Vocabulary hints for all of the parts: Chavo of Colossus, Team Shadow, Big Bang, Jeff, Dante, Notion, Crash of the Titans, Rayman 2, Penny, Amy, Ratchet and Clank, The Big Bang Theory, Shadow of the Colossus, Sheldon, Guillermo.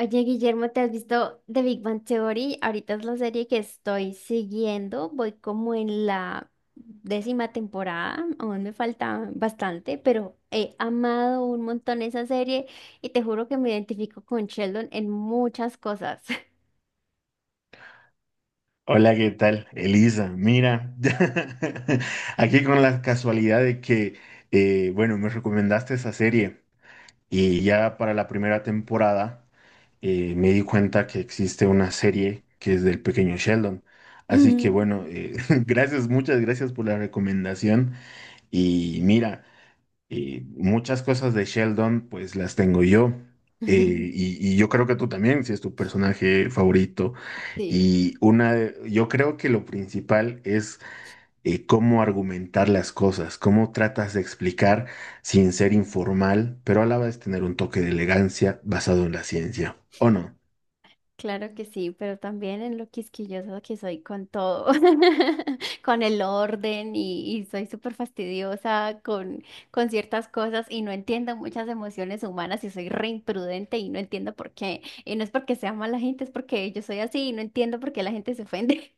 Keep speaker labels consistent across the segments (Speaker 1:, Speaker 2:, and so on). Speaker 1: Oye, Guillermo, ¿te has visto The Big Bang Theory? Ahorita es la serie que estoy siguiendo. Voy como en la décima temporada. Aún me falta bastante, pero he amado un montón esa serie y te juro que me identifico con Sheldon en muchas cosas.
Speaker 2: Hola, ¿qué tal? Elisa, mira, aquí con la casualidad de que, bueno, me recomendaste esa serie y ya para la primera temporada me di cuenta que existe una serie que es del pequeño Sheldon. Así que
Speaker 1: Mm.
Speaker 2: bueno, gracias, muchas gracias por la recomendación y mira. Y muchas cosas de Sheldon, pues las tengo yo. Eh, y, y yo creo que tú también, si es tu personaje favorito.
Speaker 1: Sí.
Speaker 2: Y una, yo creo que lo principal es cómo argumentar las cosas, cómo tratas de explicar sin ser informal, pero a la vez tener un toque de elegancia basado en la ciencia, ¿o no?
Speaker 1: Claro que sí, pero también en lo quisquilloso que soy con todo, con el orden y soy súper fastidiosa con ciertas cosas y no entiendo muchas emociones humanas y soy re imprudente y no entiendo por qué. Y no es porque sea mala gente, es porque yo soy así y no entiendo por qué la gente se ofende.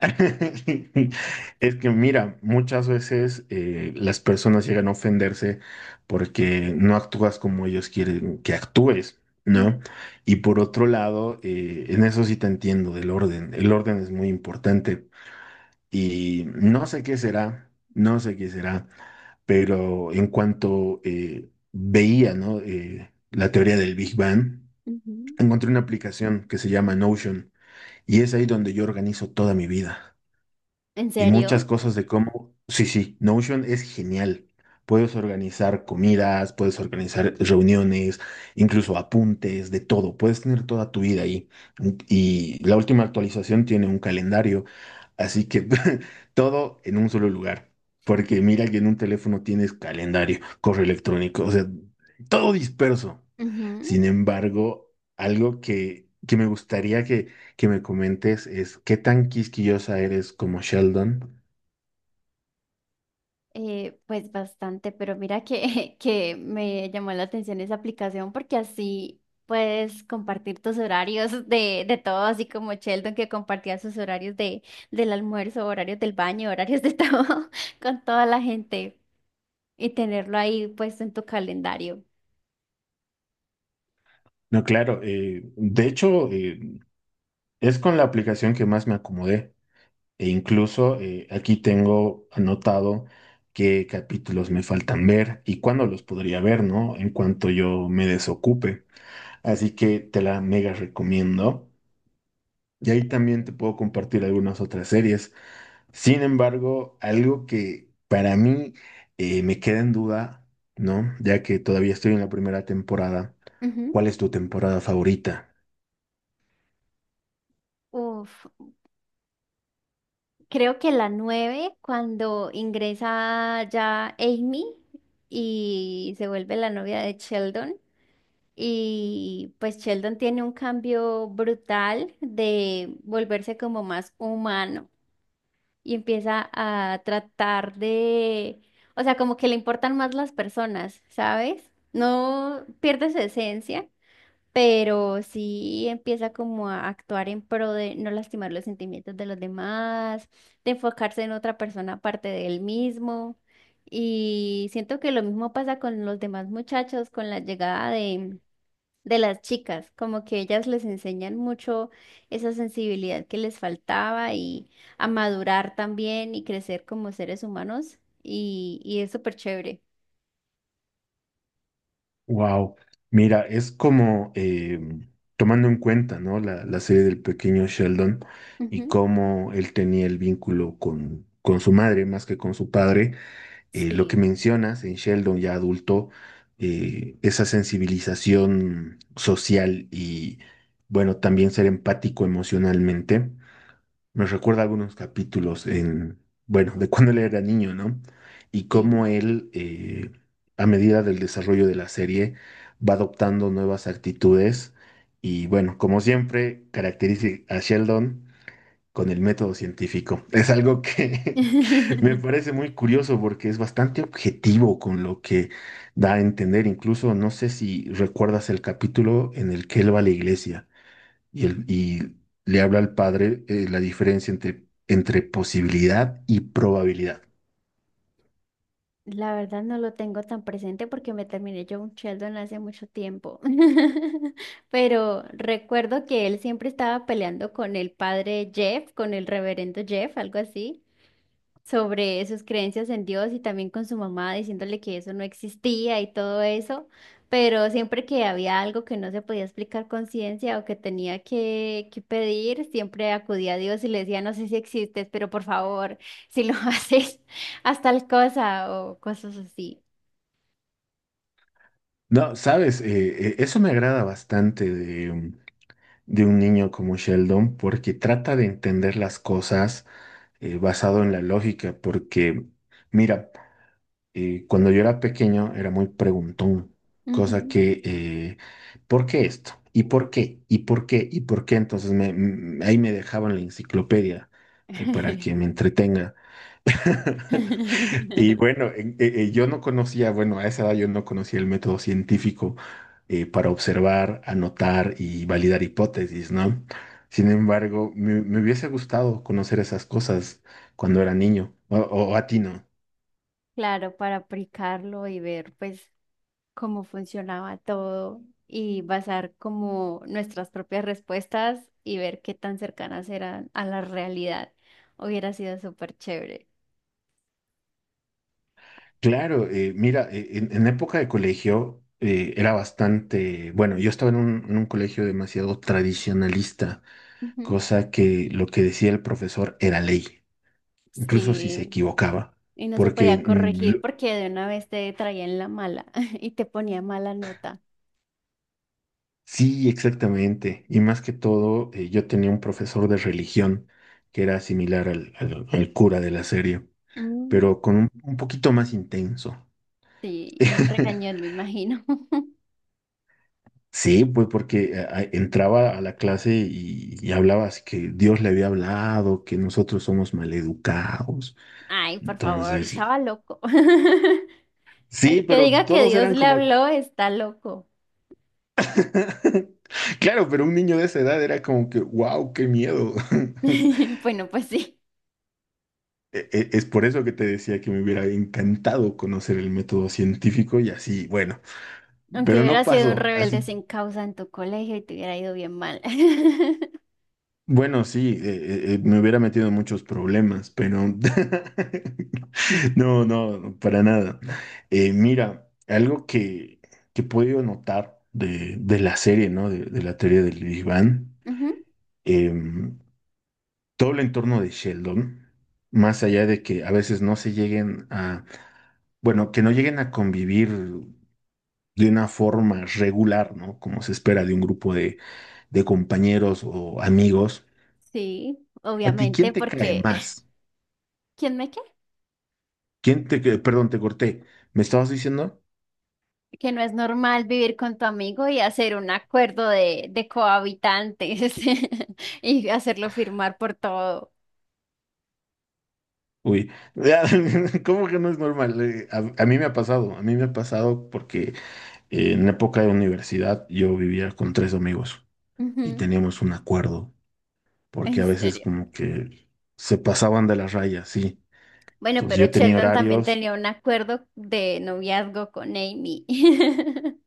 Speaker 2: Es que mira, muchas veces las personas llegan a ofenderse porque no actúas como ellos quieren que actúes,
Speaker 1: Mm,
Speaker 2: ¿no? Y por otro lado, en eso sí te entiendo del orden. El orden es muy importante y no sé qué será, no sé qué será, pero en cuanto veía, ¿no? La teoría del Big Bang,
Speaker 1: ujú.
Speaker 2: encontré una aplicación que se llama Notion y es ahí donde yo organizo toda mi vida
Speaker 1: ¿En
Speaker 2: y muchas
Speaker 1: serio?
Speaker 2: cosas de cómo. Sí, sí, Notion es genial. Puedes organizar comidas, puedes organizar reuniones, incluso apuntes, de todo. Puedes tener toda tu vida ahí. Y la última actualización tiene un calendario, así que todo en un solo lugar. Porque mira que en un teléfono tienes calendario, correo electrónico, o sea, todo disperso. Sin embargo, algo que me gustaría que me comentes es qué tan quisquillosa eres como Sheldon.
Speaker 1: Pues bastante, pero mira que, que me llamó la atención esa aplicación porque así puedes compartir tus horarios de todo, así como Sheldon que compartía sus horarios de, del almuerzo, horarios del baño, horarios de todo con toda la gente y tenerlo ahí puesto en tu calendario.
Speaker 2: No, claro. De hecho, es con la aplicación que más me acomodé. E incluso aquí tengo anotado qué capítulos me faltan ver y cuándo los podría ver, ¿no? En cuanto yo me desocupe. Así que te la mega recomiendo. Y ahí también te puedo compartir algunas otras series. Sin embargo, algo que para mí me queda en duda, ¿no? Ya que todavía estoy en la primera temporada,
Speaker 1: Ujú.
Speaker 2: ¿cuál es tu temporada favorita?
Speaker 1: Uf, creo que la 9 cuando ingresa ya Amy y se vuelve la novia de Sheldon. Y pues Sheldon tiene un cambio brutal de volverse como más humano y empieza a tratar de, o sea, como que le importan más las personas, ¿sabes? No pierde su esencia, pero sí empieza como a actuar en pro de no lastimar los sentimientos de los demás, de enfocarse en otra persona aparte de él mismo. Y siento que lo mismo pasa con los demás muchachos, con la llegada de las chicas, como que ellas les enseñan mucho esa sensibilidad que les faltaba y a madurar también y crecer como seres humanos y es súper chévere.
Speaker 2: Wow, mira, es como tomando en cuenta, ¿no? La serie del pequeño Sheldon y
Speaker 1: Ujú.
Speaker 2: cómo él tenía el vínculo con su madre más que con su padre. Lo que
Speaker 1: Sí,
Speaker 2: mencionas en Sheldon ya adulto, esa sensibilización social y, bueno, también ser empático emocionalmente me recuerda algunos capítulos en, bueno, de cuando él era niño, ¿no? Y cómo
Speaker 1: sí.
Speaker 2: él, a medida del desarrollo de la serie, va adoptando nuevas actitudes y, bueno, como siempre, caracteriza a Sheldon con el método científico. Es algo que me parece muy curioso porque es bastante objetivo con lo que da a entender. Incluso, no sé si recuerdas el capítulo en el que él va a la iglesia. Y, y le habla al padre la diferencia entre, entre posibilidad y probabilidad.
Speaker 1: La verdad no lo tengo tan presente porque me terminé yo un Sheldon hace mucho tiempo. Pero recuerdo que él siempre estaba peleando con el padre Jeff, con el reverendo Jeff, algo así, sobre sus creencias en Dios y también con su mamá diciéndole que eso no existía y todo eso, pero siempre que había algo que no se podía explicar con ciencia o que tenía que pedir, siempre acudía a Dios y le decía: no sé si existes, pero por favor, si lo haces, haz tal cosa o cosas así.
Speaker 2: No, sabes, eso me agrada bastante de, de un niño como Sheldon porque trata de entender las cosas basado en la lógica, porque mira, cuando yo era pequeño era muy preguntón, cosa
Speaker 1: Ujú.
Speaker 2: que, ¿por qué esto? ¿Y por qué? ¿Y por qué? ¿Y por qué? Entonces me, ahí me dejaban la enciclopedia ahí para que me entretenga. Y bueno, yo no conocía, bueno, a esa edad yo no conocía el método científico para observar, anotar y validar hipótesis, ¿no? Sin embargo, me hubiese gustado conocer esas cosas cuando era niño, o a ti no.
Speaker 1: Claro, para aplicarlo y ver, pues, cómo funcionaba todo y basar como nuestras propias respuestas y ver qué tan cercanas eran a la realidad. Hubiera sido súper chévere.
Speaker 2: Claro, mira, en época de colegio era bastante, bueno, yo estaba en en un colegio demasiado tradicionalista,
Speaker 1: Ujú.
Speaker 2: cosa que lo que decía el profesor era ley, incluso si se
Speaker 1: Sí,
Speaker 2: equivocaba
Speaker 1: y no se
Speaker 2: porque
Speaker 1: podía corregir porque de una vez te traían la mala y te ponía mala nota.
Speaker 2: sí, exactamente. Y más que todo, yo tenía un profesor de religión que era similar al cura de la serie,
Speaker 1: Mm,
Speaker 2: pero con un poquito más intenso.
Speaker 1: sí, y me regañó, me imagino.
Speaker 2: Sí, pues porque entraba a la clase y hablaba así que Dios le había hablado, que nosotros somos maleducados.
Speaker 1: Ay, por favor,
Speaker 2: Entonces,
Speaker 1: estaba loco. El
Speaker 2: sí,
Speaker 1: que
Speaker 2: pero
Speaker 1: diga que
Speaker 2: todos
Speaker 1: Dios
Speaker 2: eran
Speaker 1: le
Speaker 2: como,
Speaker 1: habló está loco.
Speaker 2: claro, pero un niño de esa edad era como que, wow, qué miedo.
Speaker 1: Bueno, pues sí.
Speaker 2: Es por eso que te decía que me hubiera encantado conocer el método científico y así, bueno,
Speaker 1: Aunque
Speaker 2: pero no
Speaker 1: hubiera sido un
Speaker 2: pasó,
Speaker 1: rebelde
Speaker 2: así,
Speaker 1: sin causa en tu colegio y te hubiera ido bien mal.
Speaker 2: bueno, sí, me hubiera metido en muchos problemas, pero no, no, para nada. Mira, algo que he podido notar de la serie, ¿no? De la teoría del Big Bang,
Speaker 1: Ujú.
Speaker 2: em, todo el entorno de Sheldon, más allá de que a veces no se lleguen a, bueno, que no lleguen a convivir de una forma regular, ¿no? Como se espera de un grupo de compañeros o amigos.
Speaker 1: Sí,
Speaker 2: ¿A ti quién
Speaker 1: obviamente,
Speaker 2: te cae
Speaker 1: porque
Speaker 2: más?
Speaker 1: ¿quién me qué?
Speaker 2: ¿Quién te, perdón, te corté. ¿Me estabas diciendo?
Speaker 1: Que no es normal vivir con tu amigo y hacer un acuerdo de cohabitantes y hacerlo firmar por todo.
Speaker 2: Uy, ¿cómo que no es normal? A mí me ha pasado, a mí me ha pasado porque en época de universidad yo vivía con tres amigos y
Speaker 1: Ujú.
Speaker 2: teníamos un acuerdo,
Speaker 1: En
Speaker 2: porque a veces
Speaker 1: serio.
Speaker 2: como que se pasaban de las rayas, sí.
Speaker 1: Bueno,
Speaker 2: Entonces
Speaker 1: pero
Speaker 2: yo tenía
Speaker 1: Sheldon también
Speaker 2: horarios.
Speaker 1: tenía un acuerdo de noviazgo con Amy.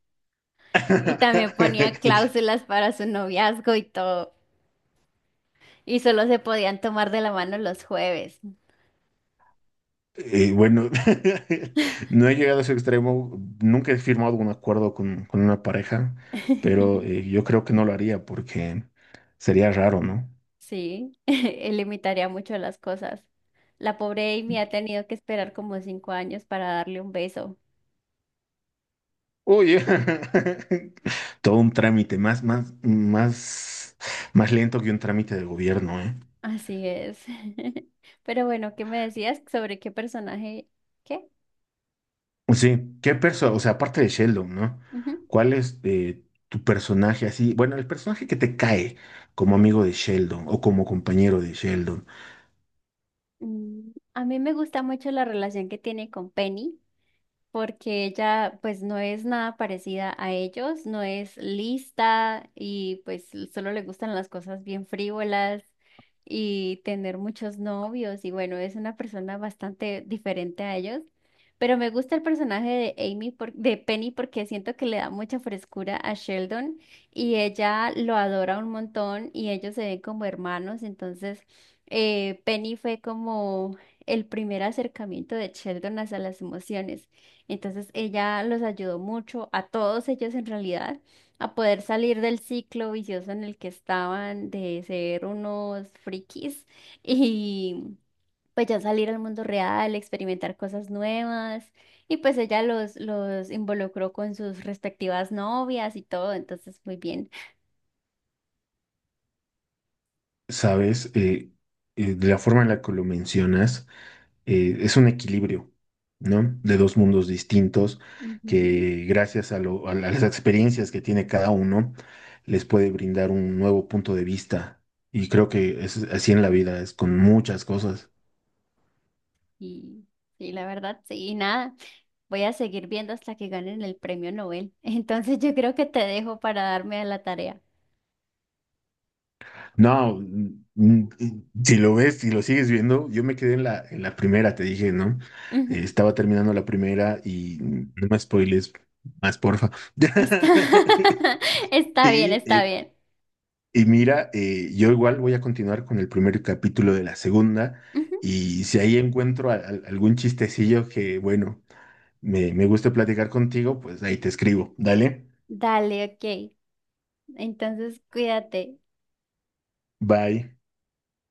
Speaker 1: Y también ponía cláusulas para su noviazgo y todo. Y solo se podían tomar de la mano los jueves.
Speaker 2: Bueno, no he llegado a ese extremo, nunca he firmado un acuerdo con una pareja, pero yo creo que no lo haría porque sería raro, ¿no?
Speaker 1: Sí, él limitaría mucho las cosas. La pobre Amy ha tenido que esperar como 5 años para darle un beso.
Speaker 2: Oye, todo un trámite, más, más, más, más lento que un trámite de gobierno, ¿eh?
Speaker 1: Así es. Pero bueno, ¿qué me decías sobre qué personaje? ¿Qué?
Speaker 2: Sí, ¿qué persona, o sea, aparte de Sheldon, ¿no?
Speaker 1: Ujú.
Speaker 2: ¿Cuál es tu personaje así? Bueno, el personaje que te cae como amigo de Sheldon o como compañero de Sheldon.
Speaker 1: Mm, a mí me gusta mucho la relación que tiene con Penny, porque ella pues no es nada parecida a ellos, no es lista y pues solo le gustan las cosas bien frívolas y tener muchos novios y, bueno, es una persona bastante diferente a ellos. Pero me gusta el personaje de Amy por- de Penny porque siento que le da mucha frescura a Sheldon y ella lo adora un montón y ellos se ven como hermanos. Entonces, Penny fue como el primer acercamiento de Sheldon hacia las emociones. Entonces ella los ayudó mucho a todos ellos en realidad a poder salir del ciclo vicioso en el que estaban de ser unos frikis y pues ya salir al mundo real, experimentar cosas nuevas y pues ella los involucró con sus respectivas novias y todo, entonces muy bien.
Speaker 2: Sabes, de la forma en la que lo mencionas, es un equilibrio, ¿no? De dos mundos distintos
Speaker 1: Ujú.
Speaker 2: que gracias a, a las experiencias que tiene cada uno, les puede brindar un nuevo punto de vista. Y creo que es así en la vida, es con muchas cosas.
Speaker 1: Y, y la verdad, sí, y nada. Voy a seguir viendo hasta que ganen el premio Nobel. Entonces yo creo que te dejo para darme a la tarea.
Speaker 2: No, mm, mm, si lo ves, si lo sigues viendo, yo me quedé en la primera, te dije, ¿no?
Speaker 1: Ujú.
Speaker 2: Estaba terminando la primera y mm, no me spoiles más, porfa.
Speaker 1: Está, está bien,
Speaker 2: Y
Speaker 1: está bien.
Speaker 2: y mira, yo igual voy a continuar con el primer capítulo de la segunda
Speaker 1: Ujú.
Speaker 2: y si ahí encuentro algún chistecillo que, bueno, me guste platicar contigo, pues ahí te escribo. Dale,
Speaker 1: Dale, ok. Entonces, cuídate.
Speaker 2: bye.